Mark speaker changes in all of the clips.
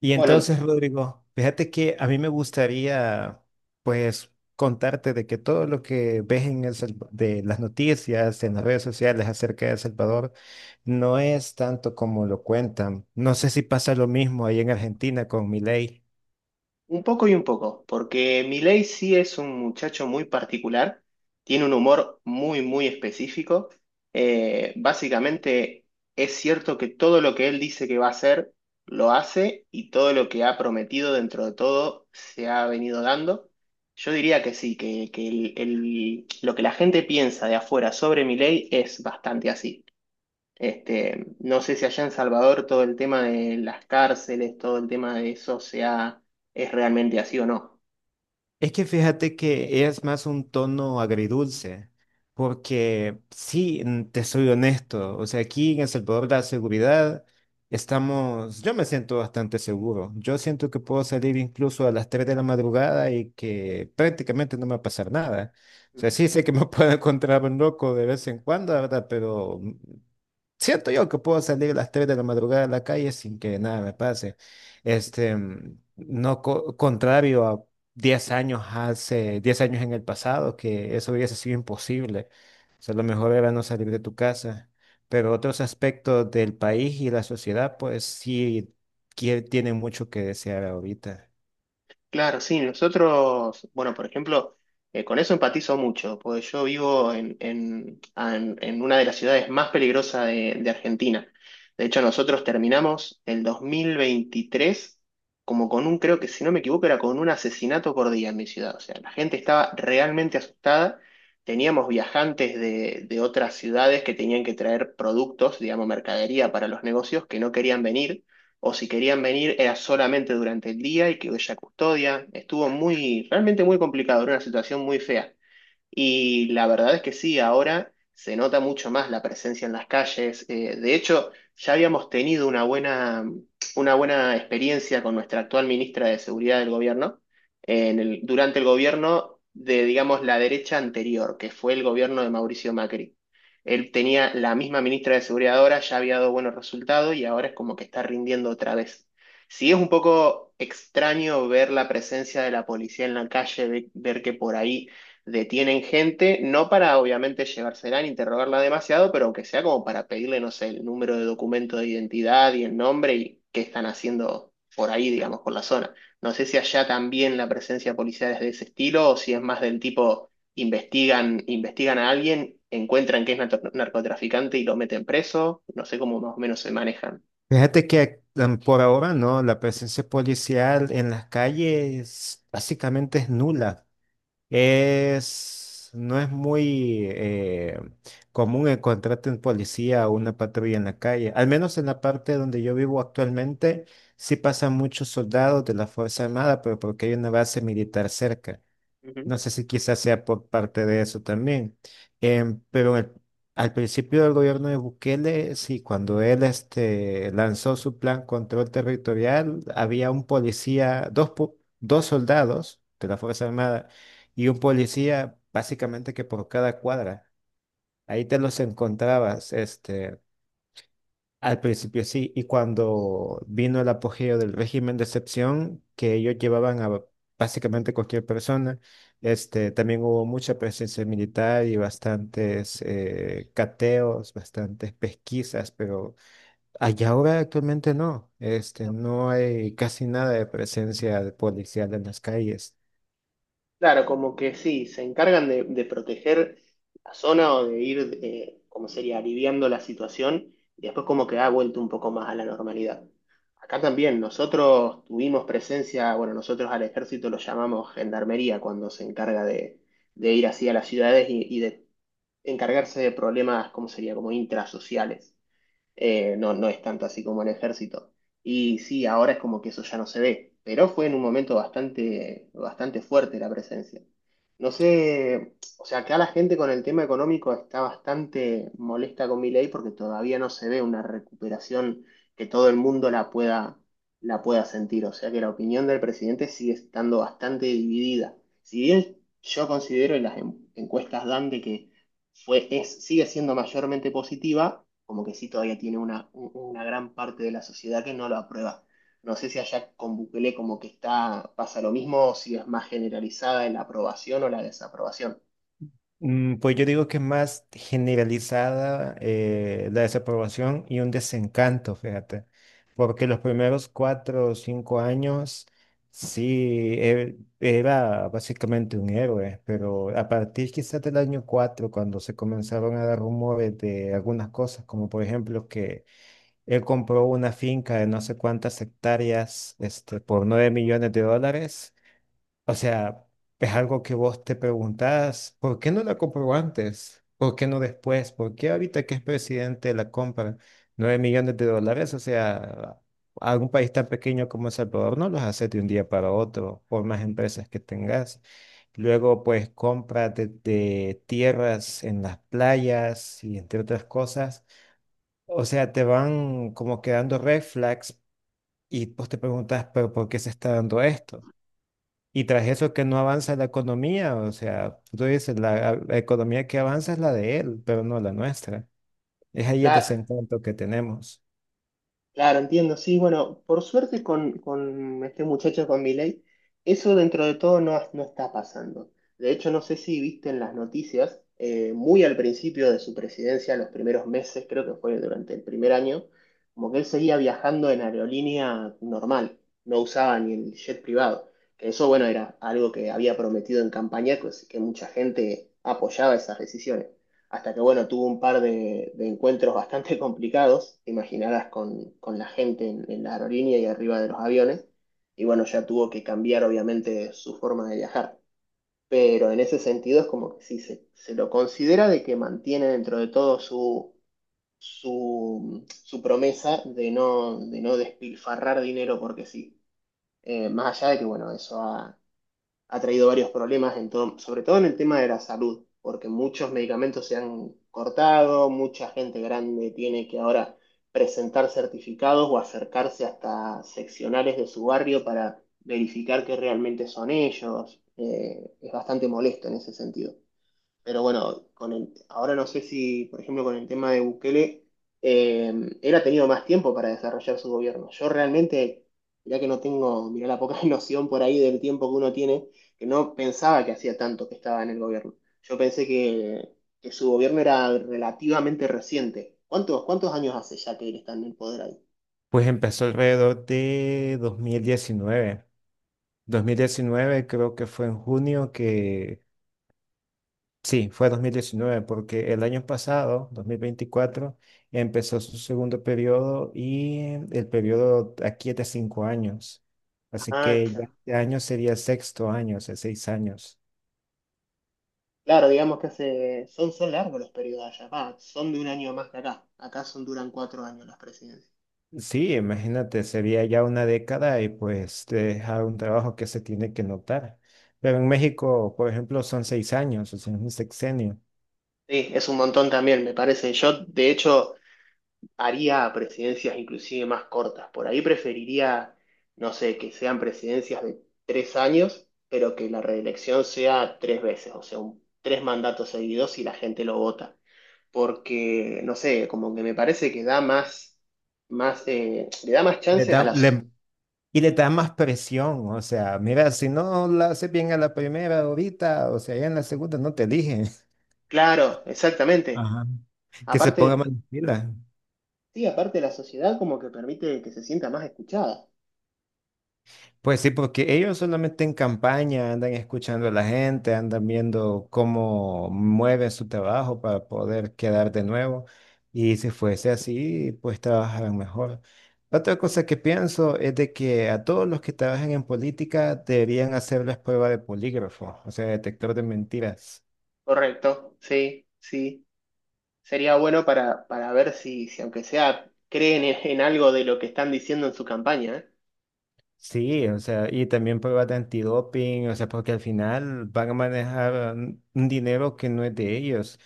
Speaker 1: Y
Speaker 2: Bueno,
Speaker 1: entonces, Rodrigo, fíjate que a mí me gustaría, pues, contarte de que todo lo que ves en de las noticias, en las redes sociales acerca de El Salvador, no es tanto como lo cuentan. No sé si pasa lo mismo ahí en Argentina con Milei.
Speaker 2: un poco y un poco, porque Milei sí es un muchacho muy particular, tiene un humor muy, muy específico. Básicamente es cierto que todo lo que él dice que va a hacer, lo hace y todo lo que ha prometido dentro de todo se ha venido dando. Yo diría que sí, que lo que la gente piensa de afuera sobre Milei es bastante así. No sé si allá en Salvador todo el tema de las cárceles, todo el tema de eso es realmente así o no.
Speaker 1: Es que fíjate que es más un tono agridulce, porque sí, te soy honesto, o sea, aquí en El Salvador la seguridad estamos, yo me siento bastante seguro, yo siento que puedo salir incluso a las 3 de la madrugada y que prácticamente no me va a pasar nada. O sea, sí sé que me puedo encontrar un loco de vez en cuando, ¿verdad? Pero siento yo que puedo salir a las 3 de la madrugada a la calle sin que nada me pase. Este, mm, no co- Contrario a 10 años hace, 10 años en el pasado, que eso hubiese sido imposible. O sea, lo mejor era no salir de tu casa. Pero otros aspectos del país y la sociedad, pues sí tienen mucho que desear ahorita.
Speaker 2: Claro, sí, nosotros, bueno, por ejemplo, con eso empatizo mucho, porque yo vivo en, en una de las ciudades más peligrosas de Argentina. De hecho, nosotros terminamos el 2023 como con creo que si no me equivoco, era con un asesinato por día en mi ciudad. O sea, la gente estaba realmente asustada. Teníamos viajantes de otras ciudades que tenían que traer productos, digamos, mercadería para los negocios que no querían venir o si querían venir era solamente durante el día y que ella custodia. Estuvo muy, realmente muy complicado, era una situación muy fea. Y la verdad es que sí, ahora se nota mucho más la presencia en las calles. De hecho, ya habíamos tenido una buena experiencia con nuestra actual ministra de Seguridad del gobierno, durante el gobierno de, digamos, la derecha anterior, que fue el gobierno de Mauricio Macri. Él tenía la misma ministra de Seguridad ahora, ya había dado buenos resultados y ahora es como que está rindiendo otra vez. Sí, es un poco extraño ver la presencia de la policía en la calle, ver que por ahí detienen gente, no para obviamente llevársela ni interrogarla demasiado, pero aunque sea como para pedirle, no sé, el número de documento de identidad y el nombre y qué están haciendo por ahí, digamos, por la zona. No sé si allá también la presencia policial es de ese estilo o si es más del tipo investigan, investigan a alguien, encuentran que es narcotraficante y lo meten preso. No sé cómo más o menos se manejan.
Speaker 1: Fíjate que por ahora no, la presencia policial en las calles básicamente es nula. Es, no es muy común encontrarte un policía o una patrulla en la calle. Al menos en la parte donde yo vivo actualmente, sí pasan muchos soldados de la Fuerza Armada, pero porque hay una base militar cerca.
Speaker 2: Ujú.
Speaker 1: No sé si quizás sea por parte de eso también. Em, pero en el- Al principio del gobierno de Bukele, sí, cuando él lanzó su plan control territorial, había un policía, dos soldados de la Fuerza Armada y un policía básicamente que por cada cuadra. Ahí te los encontrabas, este. Al principio sí, y cuando vino el apogeo del régimen de excepción, que ellos llevaban a básicamente cualquier persona, este, también hubo mucha presencia militar y bastantes cateos, bastantes pesquisas, pero allá ahora actualmente no, este, no hay casi nada de presencia policial en las calles.
Speaker 2: Claro, como que sí, se encargan de proteger la zona o de ir, como sería, aliviando la situación y después como que ha vuelto un poco más a la normalidad. Acá también nosotros tuvimos presencia, bueno, nosotros al ejército lo llamamos gendarmería cuando se encarga de ir así a las ciudades y de encargarse de problemas, como sería, como intrasociales. No, no es tanto así como el ejército. Y sí, ahora es como que eso ya no se ve, pero fue en un momento bastante, bastante fuerte la presencia. No sé, o sea, acá la gente con el tema económico está bastante molesta con mi ley porque todavía no se ve una recuperación que todo el mundo la pueda, sentir. O sea que la opinión del presidente sigue estando bastante dividida. Si bien yo considero y las encuestas dan de que fue, es, sigue siendo mayormente positiva, como que sí todavía tiene una gran parte de la sociedad que no lo aprueba. No sé si allá con Bukele como que está, pasa lo mismo, o si es más generalizada la aprobación o la desaprobación.
Speaker 1: Pues yo digo que es más generalizada la desaprobación y un desencanto, fíjate, porque los primeros cuatro o cinco años era básicamente un héroe, pero a partir quizás del año cuatro, cuando se comenzaron a dar rumores de algunas cosas, como por ejemplo que él compró una finca de no sé cuántas hectáreas este, por 9 millones de dólares. O sea, es algo que vos te preguntás, ¿por qué no la compró antes? ¿Por qué no después? ¿Por qué ahorita que es presidente la compra? 9 millones de dólares, o sea, algún país tan pequeño como El Salvador no los hace de un día para otro, por más empresas que tengas. Luego, pues, compra de tierras en las playas y entre otras cosas. O sea, te van como quedando red flags y pues te preguntas, ¿pero por qué se está dando esto? Y tras eso es que no avanza la economía, o sea, tú dices, la economía que avanza es la de él, pero no la nuestra. Es ahí el
Speaker 2: La,
Speaker 1: desencanto que tenemos.
Speaker 2: Claro, entiendo, sí, bueno, por suerte con este muchacho, con Milei, eso dentro de todo no está pasando. De hecho, no sé si viste en las noticias, muy al principio de su presidencia, los primeros meses, creo que fue durante el primer año, como que él seguía viajando en aerolínea normal, no usaba ni el jet privado. Que eso, bueno, era algo que había prometido en campaña, pues, que mucha gente apoyaba esas decisiones hasta que, bueno, tuvo un par de encuentros bastante complicados, te imaginarás, con, la gente en la aerolínea y arriba de los aviones, y bueno, ya tuvo que cambiar obviamente su forma de viajar. Pero en ese sentido es como que sí, se, lo considera de que mantiene dentro de todo su promesa de no despilfarrar dinero porque sí. Más allá de que, bueno, eso ha traído varios problemas, sobre todo en el tema de la salud, porque muchos medicamentos se han cortado, mucha gente grande tiene que ahora presentar certificados o acercarse hasta seccionales de su barrio para verificar que realmente son ellos. Es bastante molesto en ese sentido. Pero bueno, ahora no sé si, por ejemplo, con el tema de Bukele, él ha tenido más tiempo para desarrollar su gobierno. Yo realmente, mirá que no tengo, mirá la poca noción por ahí del tiempo que uno tiene, que no pensaba que hacía tanto que estaba en el gobierno. Yo pensé que su gobierno era relativamente reciente. ¿Cuántos años hace ya que él está en el poder ahí?
Speaker 1: Pues empezó alrededor de 2019. 2019 creo que fue en junio que, sí, fue 2019, porque el año pasado, 2024, empezó su segundo periodo y el periodo aquí es de 5 años. Así
Speaker 2: Ah,
Speaker 1: que ya
Speaker 2: claro.
Speaker 1: este año sería el sexto año, o sea, 6 años.
Speaker 2: Claro, digamos que hace, son largos los periodos allá, va, son de un año más que acá. Acá son, duran 4 años las presidencias.
Speaker 1: Sí, imagínate, sería ya una década y pues te deja un trabajo que se tiene que notar. Pero en México, por ejemplo, son 6 años, o sea, es un sexenio.
Speaker 2: Sí, es un montón también, me parece. Yo, de hecho, haría presidencias inclusive más cortas. Por ahí preferiría, no sé, que sean presidencias de 3 años, pero que la reelección sea 3 veces, o sea, 3 mandatos seguidos y la gente lo vota. Porque, no sé, como que me parece que da más, le da más
Speaker 1: Le
Speaker 2: chances a
Speaker 1: da-
Speaker 2: la.
Speaker 1: le- y le da más presión, o sea, mira, si no la haces bien a la primera ahorita, o sea, ya en la segunda no te eligen.
Speaker 2: Claro, exactamente.
Speaker 1: Ajá. Que se ponga
Speaker 2: Aparte,
Speaker 1: más pila.
Speaker 2: sí, aparte la sociedad como que permite que se sienta más escuchada.
Speaker 1: Pues sí, porque ellos solamente en campaña andan escuchando a la gente, andan viendo cómo mueven su trabajo para poder quedar de nuevo. Y si fuese así, pues trabajarán mejor. Otra cosa que pienso es de que a todos los que trabajan en política deberían hacerles prueba de polígrafo, o sea, detector de mentiras.
Speaker 2: Correcto, sí, sí. Sería bueno para ver si, aunque sea, creen en algo de lo que están diciendo en su campaña, ¿eh?
Speaker 1: Sí, o sea, y también pruebas de antidoping, o sea, porque al final van a manejar un dinero que no es de ellos.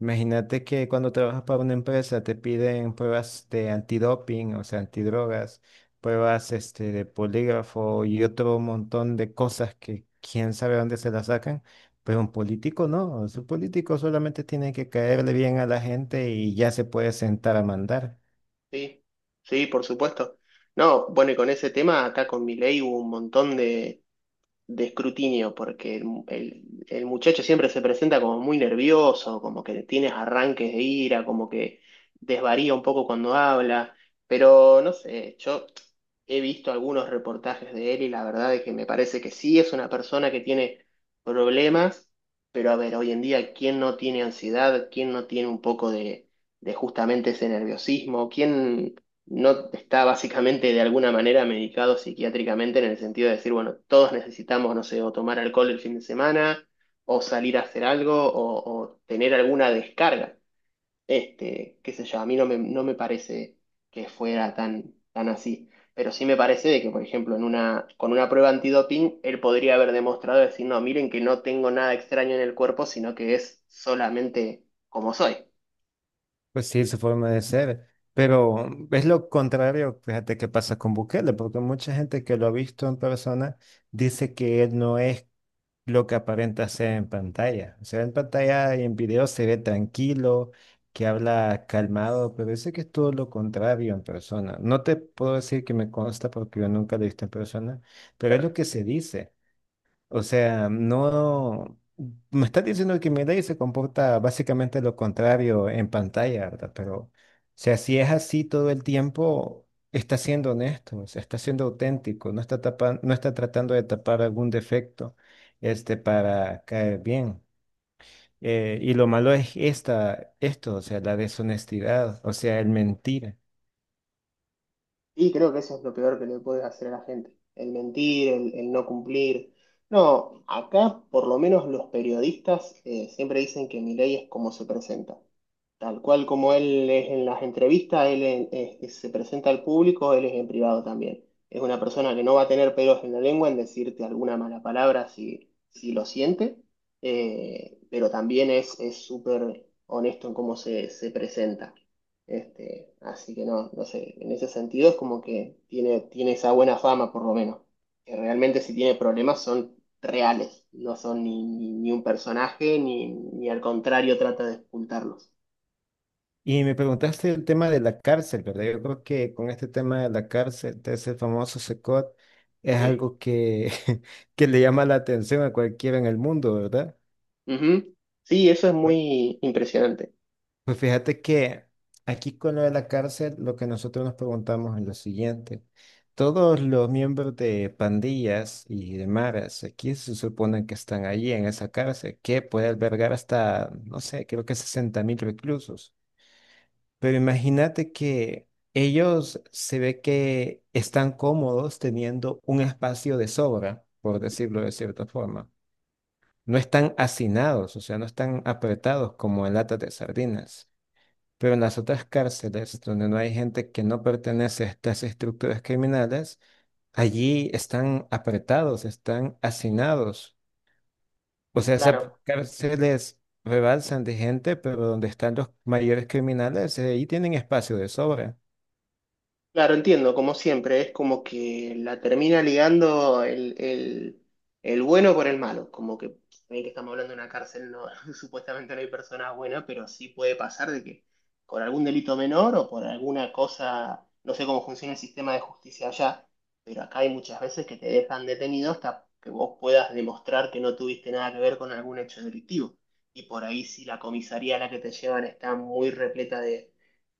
Speaker 1: Imagínate que cuando trabajas para una empresa te piden pruebas de antidoping, o sea, antidrogas, pruebas este, de polígrafo y otro montón de cosas que quién sabe dónde se las sacan, pero un político no, un político solamente tiene que caerle bien a la gente y ya se puede sentar a mandar.
Speaker 2: Sí, sí, por supuesto. No, bueno, y con ese tema, acá con Milei hubo un montón de escrutinio, porque el, el muchacho siempre se presenta como muy nervioso, como que tiene arranques de ira, como que desvaría un poco cuando habla, pero no sé, yo he visto algunos reportajes de él y la verdad es que me parece que sí es una persona que tiene problemas, pero a ver, hoy en día, ¿quién no tiene ansiedad? ¿Quién no tiene un poco de, justamente ese nerviosismo? ¿Quién no está básicamente de alguna manera medicado psiquiátricamente en el sentido de decir, bueno, todos necesitamos, no sé, o tomar alcohol el fin de semana, o salir a hacer algo, o tener alguna descarga. Qué sé yo, a mí no me parece que fuera tan, tan así. Pero sí me parece de que, por ejemplo, con una prueba antidoping, él podría haber demostrado decir, no, miren que no tengo nada extraño en el cuerpo, sino que es solamente como soy.
Speaker 1: Pues sí, su forma de ser. Pero es lo contrario, fíjate, que pasa con Bukele, porque mucha gente que lo ha visto en persona dice que él no es lo que aparenta ser en pantalla. O sea, en pantalla y en video se ve tranquilo, que habla calmado, pero dice que es todo lo contrario en persona. No te puedo decir que me consta porque yo nunca lo he visto en persona, pero es lo
Speaker 2: Claro.
Speaker 1: que se dice. O sea, no... Me estás diciendo que Milei se comporta básicamente lo contrario en pantalla, ¿verdad? Pero, o sea, si es así todo el tiempo, está siendo honesto, o sea, está siendo auténtico, no está tratando de tapar algún defecto, este, para caer bien. Y lo malo es esto, o sea, la deshonestidad, o sea, el mentir.
Speaker 2: Y creo que eso es lo peor que le puede hacer a la gente, el mentir, el no cumplir. No, acá por lo menos los periodistas siempre dicen que Milei es como se presenta. Tal cual como él es en las entrevistas, él se presenta al público, él es en privado también. Es una persona que no va a tener pelos en la lengua en decirte alguna mala palabra si, lo siente, pero también es súper honesto en cómo se presenta. Así que no, no sé, en ese sentido es como que tiene, esa buena fama por lo menos, que realmente si tiene problemas son reales, no son ni un personaje, ni al contrario trata de ocultarlos.
Speaker 1: Y me preguntaste el tema de la cárcel, ¿verdad? Yo creo que con este tema de la cárcel, de ese famoso SECOT, es
Speaker 2: Sí.
Speaker 1: algo que, que le llama la atención a cualquiera en el mundo, ¿verdad?
Speaker 2: Ujú. Sí, eso es
Speaker 1: Pues
Speaker 2: muy impresionante.
Speaker 1: pues fíjate que aquí con lo de la cárcel, lo que nosotros nos preguntamos es lo siguiente. Todos los miembros de pandillas y de maras aquí se suponen que están allí en esa cárcel que puede albergar hasta, no sé, creo que 60.000 reclusos. Pero imagínate que ellos se ve que están cómodos teniendo un espacio de sobra, por decirlo de cierta forma. No están hacinados, o sea, no están apretados como en latas de sardinas. Pero en las otras cárceles, donde no hay gente que no pertenece a estas estructuras criminales, allí están apretados, están hacinados. O sea, esas
Speaker 2: Claro,
Speaker 1: cárceles rebalsan de gente, pero donde están los mayores criminales, ahí tienen espacio de sobra.
Speaker 2: claro, entiendo, como siempre, es como que la termina ligando el bueno por el malo, como que se que estamos hablando de una cárcel, no, supuestamente no hay personas buenas, pero sí puede pasar de que por algún delito menor o por alguna cosa, no sé cómo funciona el sistema de justicia allá, pero acá hay muchas veces que te dejan detenido hasta que vos puedas demostrar que no tuviste nada que ver con algún hecho delictivo. Y por ahí si la comisaría a la que te llevan está muy repleta de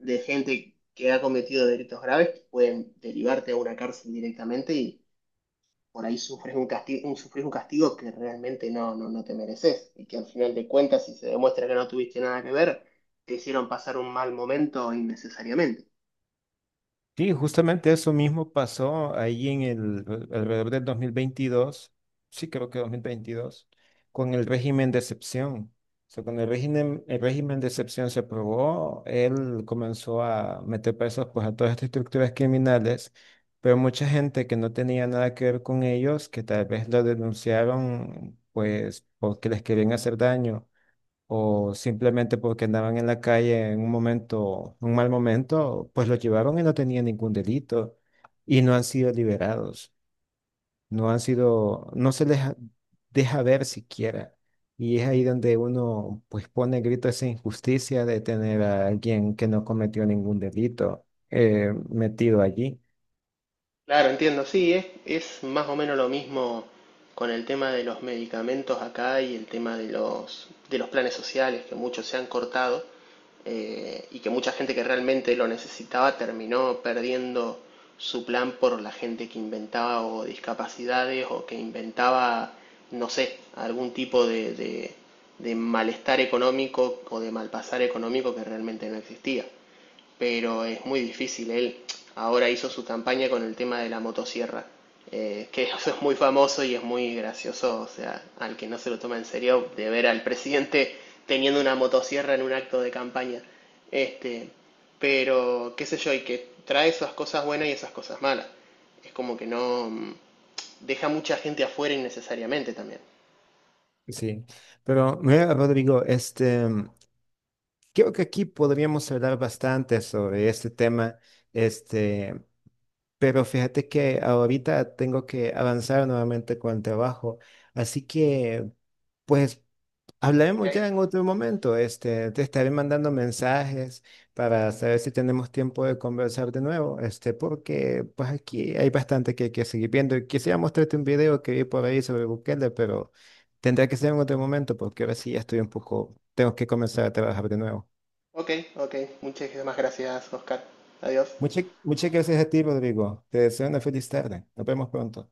Speaker 2: gente que ha cometido delitos graves que pueden derivarte a una cárcel directamente y por ahí sufres un castigo, sufres un castigo que realmente no te mereces y que al final de cuentas, si se demuestra que no tuviste nada que ver, te hicieron pasar un mal momento innecesariamente.
Speaker 1: Sí, justamente eso mismo pasó ahí en el alrededor del 2022, sí creo que 2022, con el régimen de excepción. O sea, cuando el régimen de excepción se aprobó, él comenzó a meter presos pues, a todas estas estructuras criminales, pero mucha gente que no tenía nada que ver con ellos, que tal vez lo denunciaron pues porque les querían hacer daño o simplemente porque andaban en la calle un mal momento, pues los llevaron y no tenían ningún delito y no han sido liberados, no han sido, no se les ha- deja ver siquiera. Y es ahí donde uno pues pone grito esa injusticia de tener a alguien que no cometió ningún delito metido allí.
Speaker 2: Claro, entiendo, sí, es, más o menos lo mismo con el tema de los medicamentos acá y el tema de los planes sociales, que muchos se han cortado y que mucha gente que realmente lo necesitaba terminó perdiendo su plan por la gente que inventaba o discapacidades o que inventaba, no sé, algún tipo de, de malestar económico o de malpasar económico que realmente no existía, pero es muy difícil. Él ahora hizo su campaña con el tema de la motosierra, que eso es muy famoso y es muy gracioso, o sea, al que no se lo toma en serio, de ver al presidente teniendo una motosierra en un acto de campaña. Este, pero, qué sé yo, y que trae esas cosas buenas y esas cosas malas. Es como que no deja mucha gente afuera innecesariamente también.
Speaker 1: Sí, pero mira, Rodrigo, este, creo que aquí podríamos hablar bastante sobre este tema. Este, pero fíjate que ahorita tengo que avanzar nuevamente con el trabajo. Así que, pues,
Speaker 2: Ok,
Speaker 1: hablaremos ya en otro momento. Este, te estaré mandando mensajes para saber si tenemos tiempo de conversar de nuevo. Este, porque pues aquí hay bastante que hay que seguir viendo. Y quisiera mostrarte un video que vi por ahí sobre Bukele, pero tendrá que ser en otro momento porque ahora sí ya estoy un poco, tengo que comenzar a trabajar de nuevo.
Speaker 2: ok, ok. Muchísimas gracias, Oscar. Adiós.
Speaker 1: Muchas, muchas gracias a ti, Rodrigo. Te deseo una feliz tarde. Nos vemos pronto.